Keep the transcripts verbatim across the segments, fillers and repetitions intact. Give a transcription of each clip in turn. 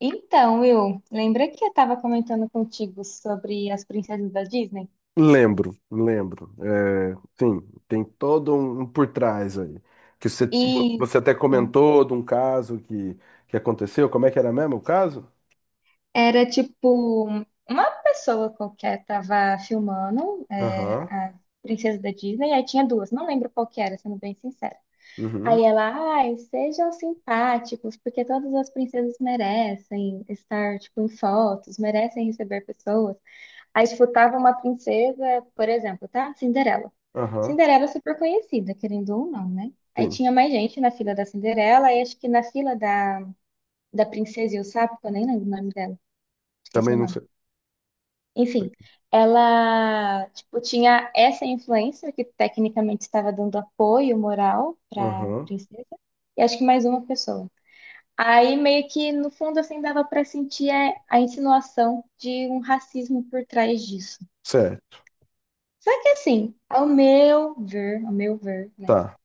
Então, Will, lembra que eu estava comentando contigo sobre as princesas da Disney? Lembro, lembro. É, sim, tem todo um um por trás aí. Que você, E você até comentou de um caso que, que aconteceu. Como é que era mesmo o caso? era tipo uma pessoa qualquer tava filmando é, Aham, a princesa da Disney, aí tinha duas, não lembro qual que era, sendo bem sincera. uhum, Aí ela, ai, sejam simpáticos, porque todas as princesas merecem estar tipo em fotos, merecem receber pessoas. Aí escutava uma princesa, por exemplo, tá? Cinderela. aham, Cinderela é super conhecida, querendo ou não, né? Aí sim. tinha mais gente na fila da Cinderela, e acho que na fila da, da Princesa e o Sapo, que eu nem lembro o nome dela, esqueci Também o não nome. sei. Enfim, ela, tipo, tinha essa influencer que tecnicamente estava dando apoio moral pra Aham, princesa, e acho que mais uma pessoa. Aí meio que no fundo assim dava pra sentir é, a insinuação de um racismo por trás disso. certo, Só que assim, ao meu ver, ao meu ver, né? tá.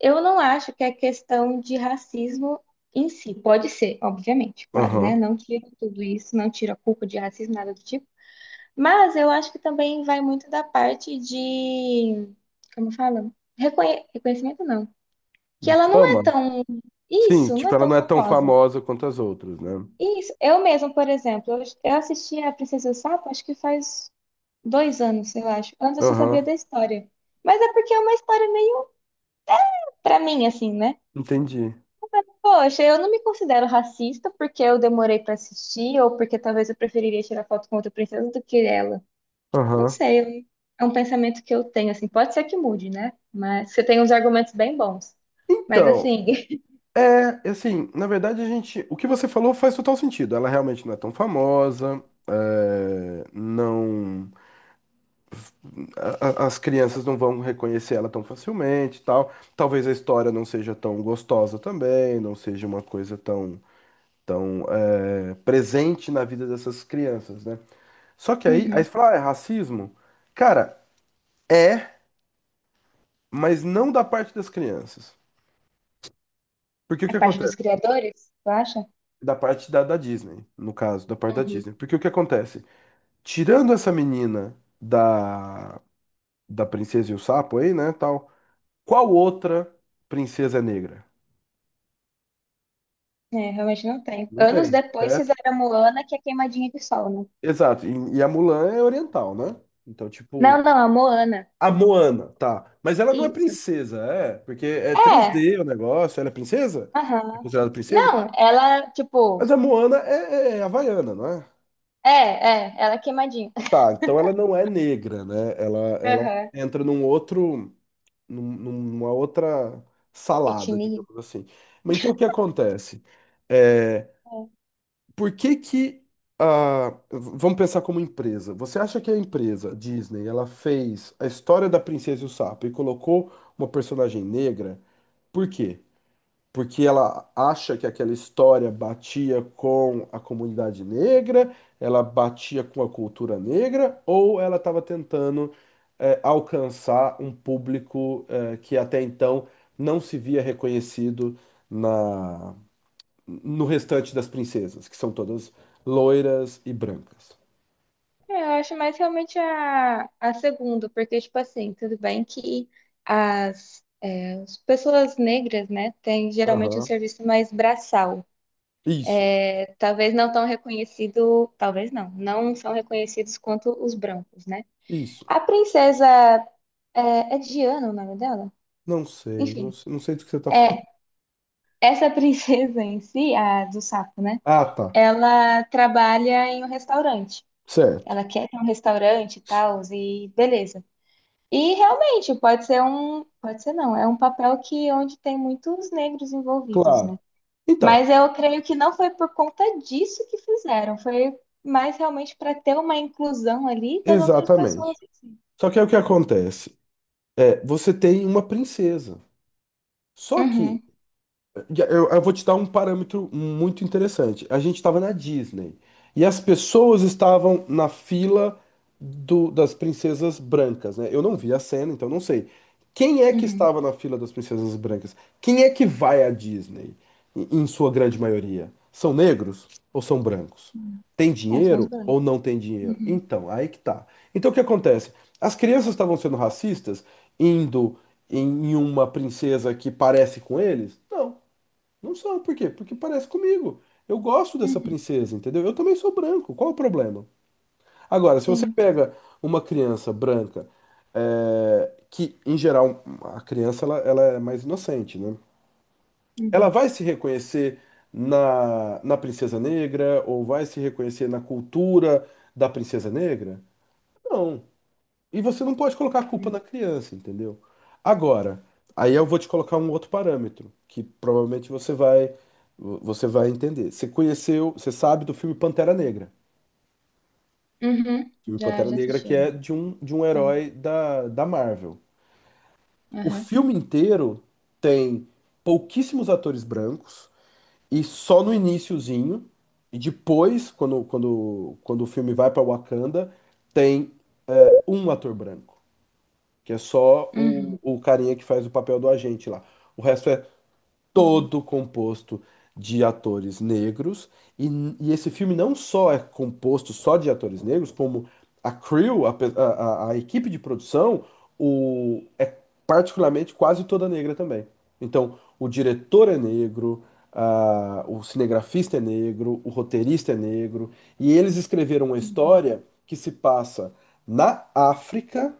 Eu não acho que é questão de racismo em si. Pode ser, obviamente, claro, né? Aham. Não tira tudo isso, não tira a culpa de racismo, nada do tipo. Mas eu acho que também vai muito da parte de, como fala? Reconhe- Reconhecimento não. Que De ela não é fama? tão. Sim, Isso, não tipo, é ela tão não é tão famosa. famosa quanto as outras, né? Isso. Eu mesma, por exemplo, eu eu assisti a Princesa e o Sapo, acho que faz dois anos, eu acho. Antes eu só sabia Aham, da história. Mas é porque é uma história meio. Pra mim, assim, né? entendi. Poxa, eu não me considero racista porque eu demorei pra assistir ou porque talvez eu preferiria tirar foto com outra princesa do que ela. Não Aham. sei, eu- é um pensamento que eu tenho, assim. Pode ser que mude, né? Mas você tem uns argumentos bem bons. Mas, Então, assim, É, assim, na verdade a gente, o que você falou faz total sentido. Ela realmente não é tão famosa, é, não, a- a- as crianças não vão reconhecer ela tão facilmente, e tal. Talvez a história não seja tão gostosa também, não seja uma coisa tão, tão é, presente na vida dessas crianças, né? Só que aí, aí uhum. você fala, ah, é racismo? Cara, é, mas não da parte das crianças. Porque o É que parte dos acontece? criadores, tu acha? Da parte da, da Disney, no caso, da parte da Uhum. Disney. Porque o que acontece? Tirando essa menina da, da Princesa e o Sapo aí, né, tal, qual outra princesa é negra? É, realmente não tem. Não Anos tem, depois certo? fizeram a Moana, que é queimadinha de sol, né? Exato. E, e a Mulan é oriental, né? Então, tipo, Não, não, a Moana. a Moana, tá. Mas ela não é Isso. princesa, é, porque é três É, d o negócio, ela é princesa? É aham. considerada princesa? Não, ela, tipo, Mas a Moana é, é é havaiana, não é? é, é, ela é queimadinha. Tá, então ela não é negra, né? Ela, ela Aham. entra num outro. num- numa outra salada, Etnia? digamos assim. Mas então o que acontece? É, É, por que que a, v- vamos pensar como empresa. Você acha que a empresa Disney, ela fez a história da Princesa e o Sapo e colocou uma personagem negra? Por quê? Porque ela acha que aquela história batia com a comunidade negra, ela batia com a cultura negra, ou ela estava tentando eh, alcançar um público eh, que até então não se via reconhecido na no restante das princesas, que são todas loiras e brancas. É, eu acho mais realmente a, a segunda, porque, tipo assim, tudo bem que as, é, as pessoas negras, né, têm geralmente um Aham. serviço mais braçal. Isso, É, talvez não tão reconhecido, talvez não, não são reconhecidos quanto os brancos, né? isso. A princesa, é, é Diana o nome dela? Não sei, Enfim, não sei, não sei do que você está falando. é, essa princesa em si, a do sapo, né, Ah, tá. ela trabalha em um restaurante. Certo. Ela quer ter um restaurante e tal, e beleza. E realmente pode ser um, pode ser não, é um papel que onde tem muitos negros envolvidos, né? Claro. Então, Mas eu creio que não foi por conta disso que fizeram, foi mais realmente para ter uma inclusão ali das outras pessoas exatamente. em si. Só que é o que acontece. É, você tem uma princesa. Só que Uhum, e Eu, eu vou te dar um parâmetro muito interessante. A gente estava na Disney e as pessoas estavam na fila do- das princesas brancas, né? Eu não vi a cena, então não sei. Quem é que uhum. estava na fila das princesas brancas? Quem é que vai à Disney, em em sua grande maioria? São negros ou são brancos? Uhum. Tem É, são os dinheiro ou brancos. não tem dinheiro? Uhum, Então, aí que tá. Então, o que acontece? As crianças estavam sendo racistas indo em em uma princesa que parece com eles? Não. Não são, por quê? Porque parece comigo. Eu gosto dessa uhum, princesa, entendeu? Eu também sou branco, qual o problema? Agora, se você sim. pega uma criança branca, é, que em geral a criança ela, ela é mais inocente, né? Ela Uhum, vai se reconhecer na, na princesa negra ou vai se reconhecer na cultura da princesa negra? Não. E você não pode colocar a culpa na uhum. criança, entendeu? Agora, aí eu vou te colocar um outro parâmetro, que provavelmente você vai você vai entender. Você conheceu, você sabe do filme Pantera Negra. Uhum, O filme já, Pantera já Negra assisti que é antes. de um, de um Aham, herói da, da Marvel. O aham. filme inteiro tem pouquíssimos atores brancos e só no iniciozinho e depois, quando, quando, quando o filme vai para Wakanda, tem um ator branco. Que é só o, Uhum, o carinha que faz o papel do agente lá. O resto é uhum, todo composto de atores negros. E, e esse filme não só é composto só de atores negros, como a crew, a, pe- a, a- a equipe de produção, o, é particularmente quase toda negra também. Então, o diretor é negro, ah, o cinegrafista é negro, o roteirista é negro. E eles escreveram uma uhum, história que se passa na África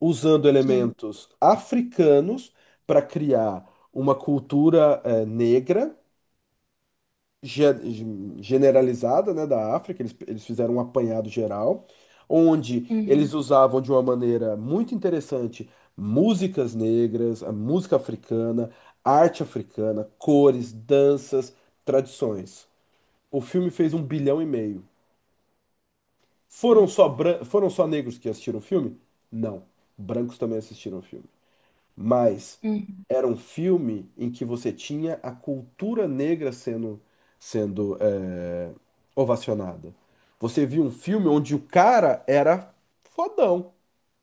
usando sim. elementos africanos para criar uma cultura eh, negra ge- generalizada, né, da África. Eles, eles fizeram um apanhado geral, onde eles Uhum, usavam de uma maneira muito interessante músicas negras, a música africana, arte africana, cores, danças, tradições. O filme fez um bilhão e meio. Foram só, bran- foram só negros que assistiram o filme? Não. Brancos também assistiram o filme. Mas uhum, era um filme em que você tinha a cultura negra sendo, sendo é, ovacionada. Você viu um filme onde o cara era fodão.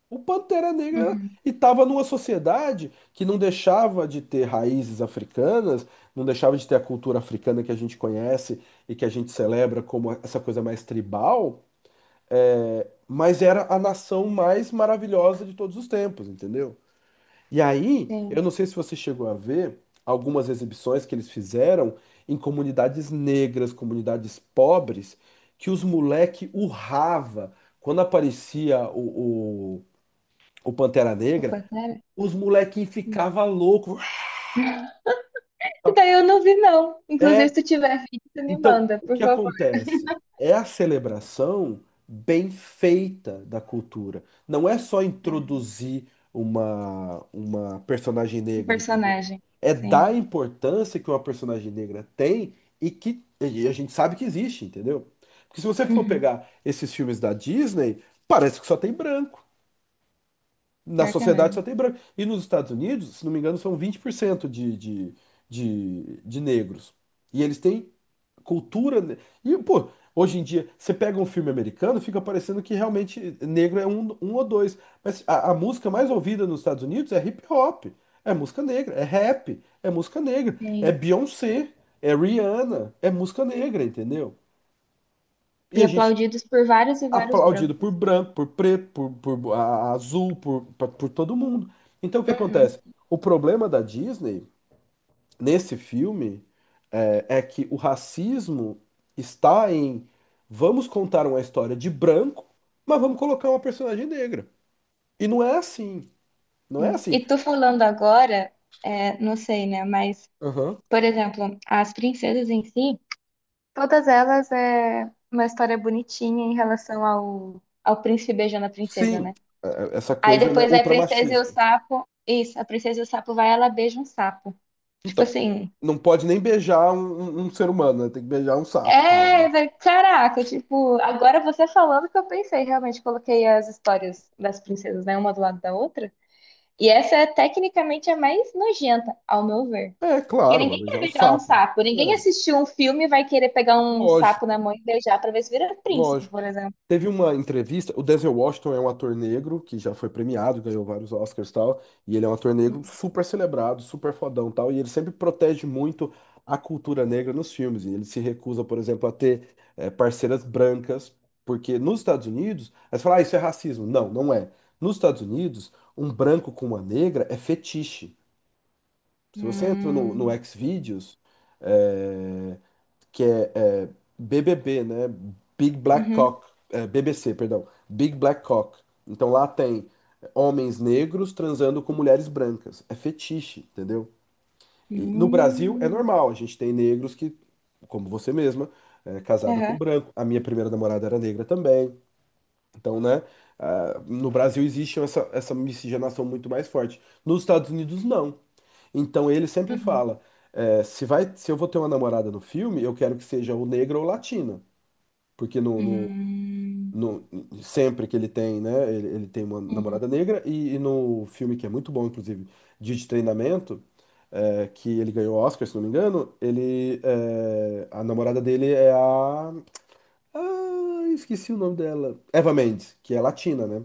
O Pantera Negra era. uhum. E estava numa sociedade que não deixava de ter raízes africanas, não deixava de ter a cultura africana que a gente conhece e que a gente celebra como essa coisa mais tribal, é, mas era a nação mais maravilhosa de todos os tempos, entendeu? E aí, eu Sim. não sei se você chegou a ver algumas exibições que eles fizeram em comunidades negras, comunidades pobres, que os moleque urrava. Quando aparecia o, o, o Pantera Negra, Aquaterra? os molequinhos Hum. ficavam loucos. Esse daí eu não vi, não. Inclusive, É, se tu tiver vídeo, tu me Então, manda, o por que favor. acontece? É a celebração bem feita da cultura. Não é só introduzir uma, uma personagem Um negra, entendeu? personagem. É dar a Sim. importância que uma personagem negra tem e que e a gente sabe que existe, entendeu? Porque se você for Uhum. pegar esses filmes da Disney, parece que só tem branco. Na Pior que é sociedade mesmo. só tem branco. E nos Estados Unidos, se não me engano, são vinte por cento de, de, de, de negros. E eles têm cultura. ne- E, pô, hoje em dia, você pega um filme americano, fica parecendo que realmente negro é um, um ou dois. Mas a, a música mais ouvida nos Estados Unidos é hip hop, é música negra, é rap, é música negra, é Sim. Beyoncé, é Rihanna, é música negra, entendeu? E E a gente aplaudidos por vários e vários aplaudido por brancos. branco, por preto, por, por a- azul, por, por, por todo mundo. Então o que Uhum. acontece? O problema da Disney nesse filme é, é que o racismo está em vamos contar uma história de branco, mas vamos colocar uma personagem negra. E não é assim, não é Sim. assim. E tu falando agora, é, não sei, né? Mas, Aham. por exemplo, as princesas em si, todas elas é uma história bonitinha em relação ao, ao príncipe beijando a princesa, Sim, né? é- é essa Aí coisa, né, depois vai a princesa e o ultramachista. sapo. Isso, a princesa e o sapo vai, ela beija um sapo. Tipo Então, assim. não pode nem beijar um, um- um ser humano, né? Tem que beijar um sapo também, né? É, vai- caraca, tipo, agora você falando que eu pensei, realmente coloquei as histórias das princesas, né, uma do lado da outra. E essa é tecnicamente a mais nojenta, ao meu ver. É, Porque claro, vai ninguém quer beijar um beijar um sapo. sapo, ninguém assistiu um filme e vai querer pegar um sapo Lógico, na mão e beijar pra ver se vira príncipe, lógico. por exemplo. Teve uma entrevista, o Denzel Washington é um ator negro que já foi premiado, ganhou vários Oscars e tal, e ele é um ator negro super celebrado, super fodão e tal, e ele sempre protege muito a cultura negra nos filmes, e ele se recusa, por exemplo, a ter eh, parceiras brancas, porque nos Estados Unidos, aí você fala, ah, isso é racismo. Não, não é. Nos Estados Unidos, um branco com uma negra é fetiche. Se você entra no, no Hum, Xvideos, eh, que é, é, B B B, né? Big Black uhum, Cock, é, B B C, perdão, Big Black Cock. Então lá tem homens negros transando com mulheres brancas. É fetiche, entendeu? E no Brasil é hum, normal, a gente tem negros que, como você mesma, é casada com aham, branco. A minha primeira namorada era negra também. Então, né? Ah, no Brasil existe essa, essa miscigenação muito mais forte. Nos Estados Unidos, não. Então ele sempre uhum, fala: é, se vai, se eu vou ter uma namorada no filme, eu quero que seja ou negra ou latina. Porque no, no, hum, no- sempre que ele tem, né? Ele, ele tem uma uhum. namorada negra, e, e no filme que é muito bom, inclusive, Dia de Treinamento, é, que ele ganhou Oscar, se não me engano, ele, é, a namorada dele é a. Ah, esqueci o nome dela. Eva Mendes, que é latina, né?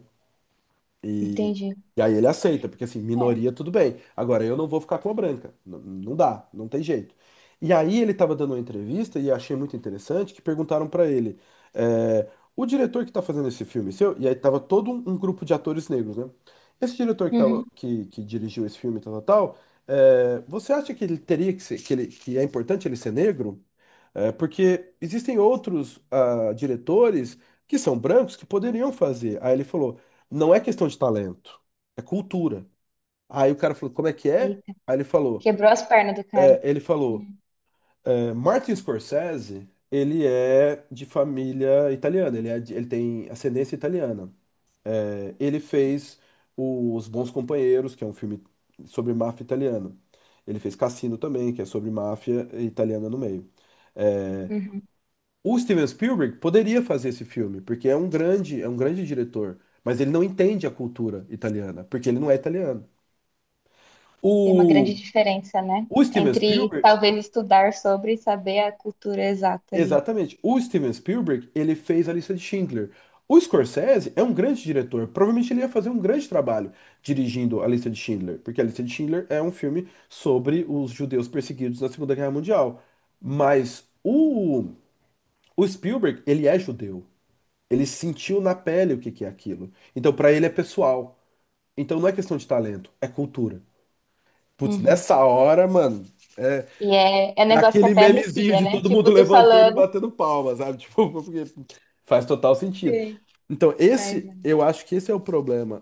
E, Entendi. e aí ele aceita, porque assim, É. minoria tudo bem. Agora eu não vou ficar com a branca. N- não dá, não tem jeito. E aí ele estava dando uma entrevista e achei muito interessante que perguntaram para ele, é, o diretor que está fazendo esse filme seu, e aí tava todo um, um grupo de atores negros, né? Esse diretor que, tava, Uhum. que, que dirigiu esse filme, tal, tal, tal, é, você acha que ele teria que ser, que ele, que é importante ele ser negro? É, porque existem outros ah, diretores que são brancos que poderiam fazer. Aí ele falou: não é questão de talento, é cultura. Aí o cara falou: como é que é? Eita, Aí ele falou: quebrou as pernas do cara. é, ele falou, Hum. é, Martin Scorsese, ele é de família italiana, ele, é de- ele tem ascendência italiana. É, ele fez Os Bons Companheiros, que é um filme sobre máfia italiana. Ele fez Cassino também, que é sobre máfia italiana no meio. É, Uhum. o Steven Spielberg poderia fazer esse filme, porque é um grande, é um grande diretor, mas ele não entende a cultura italiana, porque ele não é italiano. Tem uma O, grande diferença, né? o Steven Entre Spielberg, talvez estudar sobre e saber a cultura exata ali. exatamente, o Steven Spielberg, ele fez a lista de Schindler. O Scorsese é um grande diretor, provavelmente ele ia fazer um grande trabalho dirigindo a lista de Schindler, porque a lista de Schindler é um filme sobre os judeus perseguidos na Segunda Guerra Mundial. Mas o O Spielberg, ele é judeu. Ele sentiu na pele o que que é aquilo. Então, pra ele é pessoal. Então, não é questão de talento, é cultura. Putz, Uhum. nessa hora, mano, é, E é, é um é negócio que aquele até memezinho arrepia, de né? todo mundo Tipo, tu levantando e falando. batendo palmas, sabe? Tipo, porque faz total sentido. Sim. Então, Mas, esse, é. eu acho que esse é o problema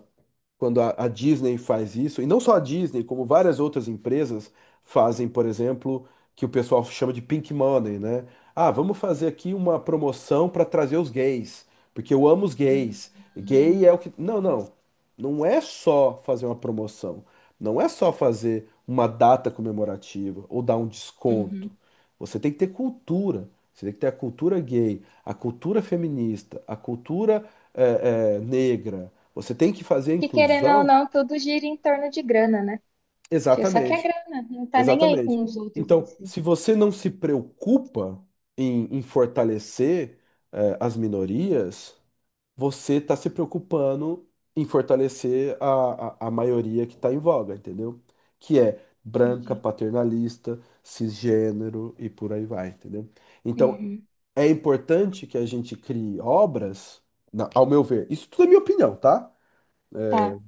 quando a, a Disney faz isso, e não só a Disney, como várias outras empresas fazem, por exemplo, que o pessoal chama de pink money, né? Ah, vamos fazer aqui uma promoção para trazer os gays, porque eu amo os Hum, gays. Gay é o que. Não, não. Não é só fazer uma promoção. Não é só fazer uma data comemorativa ou dar um desconto. uhum. Você tem que ter cultura. Você tem que ter a cultura gay, a cultura feminista, a cultura eh, eh, negra. Você tem que fazer a Que querendo ou inclusão. não, tudo gira em torno de grana, né? Tipo, só que é Exatamente, grana, não tá nem aí exatamente. com os outros em Então, si. se você não se preocupa em, em fortalecer, eh, as minorias, você está se preocupando em fortalecer a, a, a maioria que está em voga, entendeu? Que é branca, Entendi. paternalista, cisgênero e por aí vai, entendeu? Então, Uhum. é importante que a gente crie obras, na- ao meu ver, isso tudo é minha opinião, tá? Tá.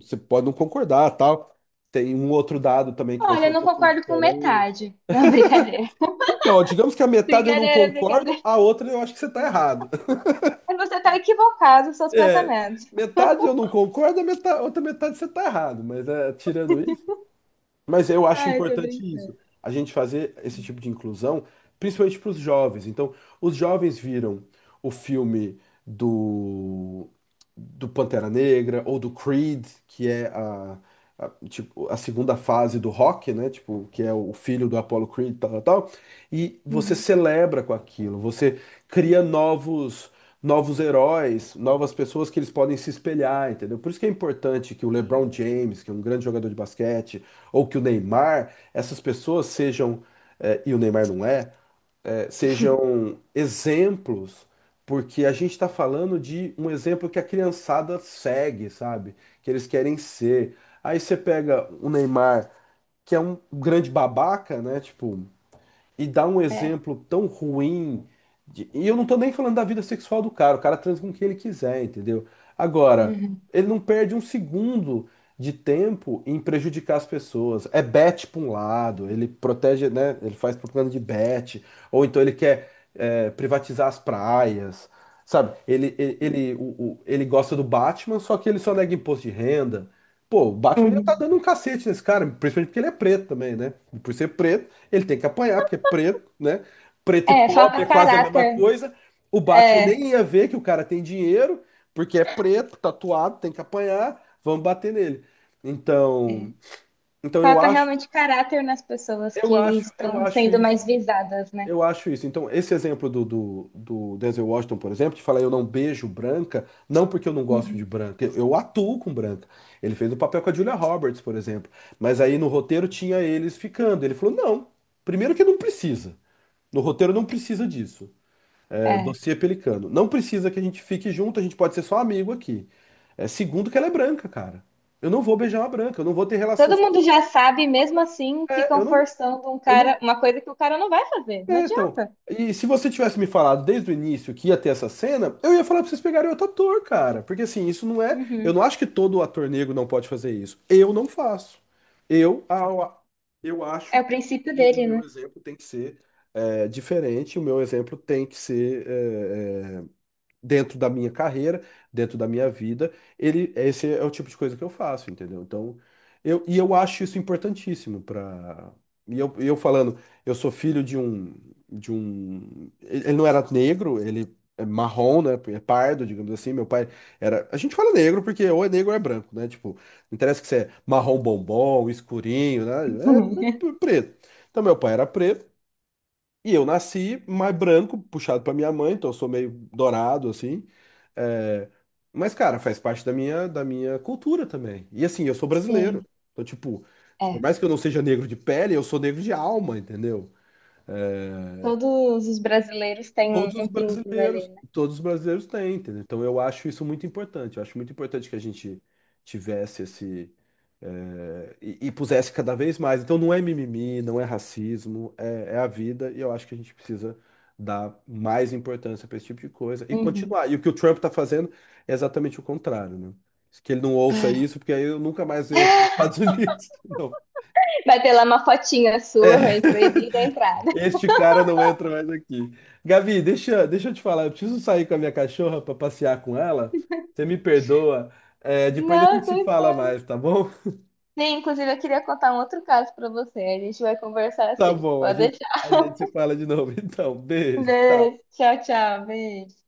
Você pode não concordar, tal. Tem um outro dado também que vai Olha, ser eu um não pouquinho concordo com diferente. metade. Não, brincadeira. Então, digamos que a metade eu não Brincadeira, concordo, brincadeira. a outra eu acho que você está errado. Mas você tá equivocado nos seus É, pensamentos. metade eu não concordo, a meta- outra metade você está errado. Mas é, tirando isso. Mas eu acho Ah, eu tô importante isso, brincando. a gente fazer esse tipo de inclusão, principalmente para os jovens. Então, os jovens viram o filme do, do Pantera Negra ou do Creed, que é a, a, tipo, a segunda fase do rock, né? Tipo, que é o filho do Apollo Creed, tal, tal, tal. E você Uhum. celebra com aquilo, você cria novos. Novos heróis, novas pessoas que eles podem se espelhar, entendeu? Por isso que é importante que o Sim. LeBron James, que é um grande jogador de basquete, ou que o Neymar, essas pessoas sejam, eh, e o Neymar não é, eh, sejam exemplos, porque a gente está falando de um exemplo que a criançada segue, sabe? Que eles querem ser. Aí você pega o Neymar, que é um grande babaca, né? Tipo, e dá um É. exemplo tão ruim. de- E eu não tô nem falando da vida sexual do cara, o cara transa com quem ele quiser, entendeu? Agora, Uhum. ele não perde um segundo de tempo em prejudicar as pessoas. É bet pra um lado, ele protege, né? Ele faz propaganda de bet, ou então ele quer é, privatizar as praias. Sabe, ele, ele, ele, o- o- ele gosta do Batman, só que ele só nega imposto de renda. Pô, o Batman já tá Uhum. dando um cacete nesse cara, principalmente porque ele é preto também, né? Por ser preto, ele tem que apanhar, porque é preto, né? Preto e É, pobre é falta quase a mesma caráter. coisa. O Batman É, nem ia ver que o cara tem dinheiro, porque é preto, tatuado, tem que apanhar, vamos bater nele. Então, é. então eu Falta acho, realmente caráter nas pessoas eu que acho, eu estão acho sendo mais isso. visadas, né? Eu acho isso. Então, esse exemplo do, do, do Denzel Washington, por exemplo, de falar eu não beijo branca, não porque eu não gosto de Uhum. branca, eu, eu atuo com branca. Ele fez o papel com a Julia Roberts, por exemplo. Mas aí no roteiro tinha eles ficando. Ele falou: não, primeiro que não precisa. No roteiro não precisa disso. É, o É. dossiê é Pelicano. Não precisa que a gente fique junto, a gente pode ser só amigo aqui. É, segundo, que ela é branca, cara. Eu não vou beijar uma branca, eu não vou ter relação Todo mundo sexual já sabe, com uma mesmo branca. assim, É, ficam eu não, forçando um eu cara, não. uma coisa que o cara não vai fazer. Não É, então. adianta. E se você tivesse me falado desde o início que ia ter essa cena, eu ia falar pra vocês pegarem outro ator, cara. Porque assim, isso não é. Eu Uhum. não acho que todo ator negro não pode fazer isso. Eu não faço. Eu, a- a- eu acho É o princípio que o dele, meu né? exemplo tem que ser. É diferente, o meu exemplo tem que ser é, é, dentro da minha carreira, dentro da minha vida. Ele, esse é o tipo de coisa que eu faço, entendeu? Então, eu, e eu acho isso importantíssimo para. E eu, e eu falando, eu sou filho de um, de um. Ele ele não era negro, ele é marrom, né? É pardo, digamos assim. Meu pai era. A gente fala negro porque ou é negro ou é branco, né? Tipo, não interessa que você é marrom bombom, escurinho, né? É é preto. Então, meu pai era preto. E eu nasci mais branco, puxado pra minha mãe, então eu sou meio dourado, assim. É, mas, cara, faz parte da minha, da minha cultura também. E assim, eu sou brasileiro. Sim, Então, tipo, por é. mais que eu não seja negro de pele, eu sou negro de alma, entendeu? Todos os brasileiros têm um, Todos os um pinguinho ali, brasileiros, né? todos os brasileiros têm, entendeu? Então eu acho isso muito importante. Eu acho muito importante que a gente tivesse esse eh, e, e pusesse cada vez mais. Então não é mimimi, não é racismo, é, é a vida e eu acho que a gente precisa dar mais importância para esse tipo de coisa e Uhum. continuar. E o que o Trump está fazendo é exatamente o contrário, né? Que ele não ouça É. isso, porque aí eu nunca mais entro nos Estados Unidos. Não. Vai ter lá uma fotinha sua, É. vem proibida a entrada. Este cara não entra mais aqui. Gabi, deixa, deixa eu te falar. Eu preciso sair com a minha cachorra para passear com ela. Você me perdoa. É, depois a gente Não, se foi fala fã. mais, tá bom? Sim, inclusive eu queria contar um outro caso pra você. A gente vai conversar Tá assim. bom, a Pode gente, deixar. a gente se fala de novo. Então, beijo, tchau. Beijo. Tchau, tchau. Beijo.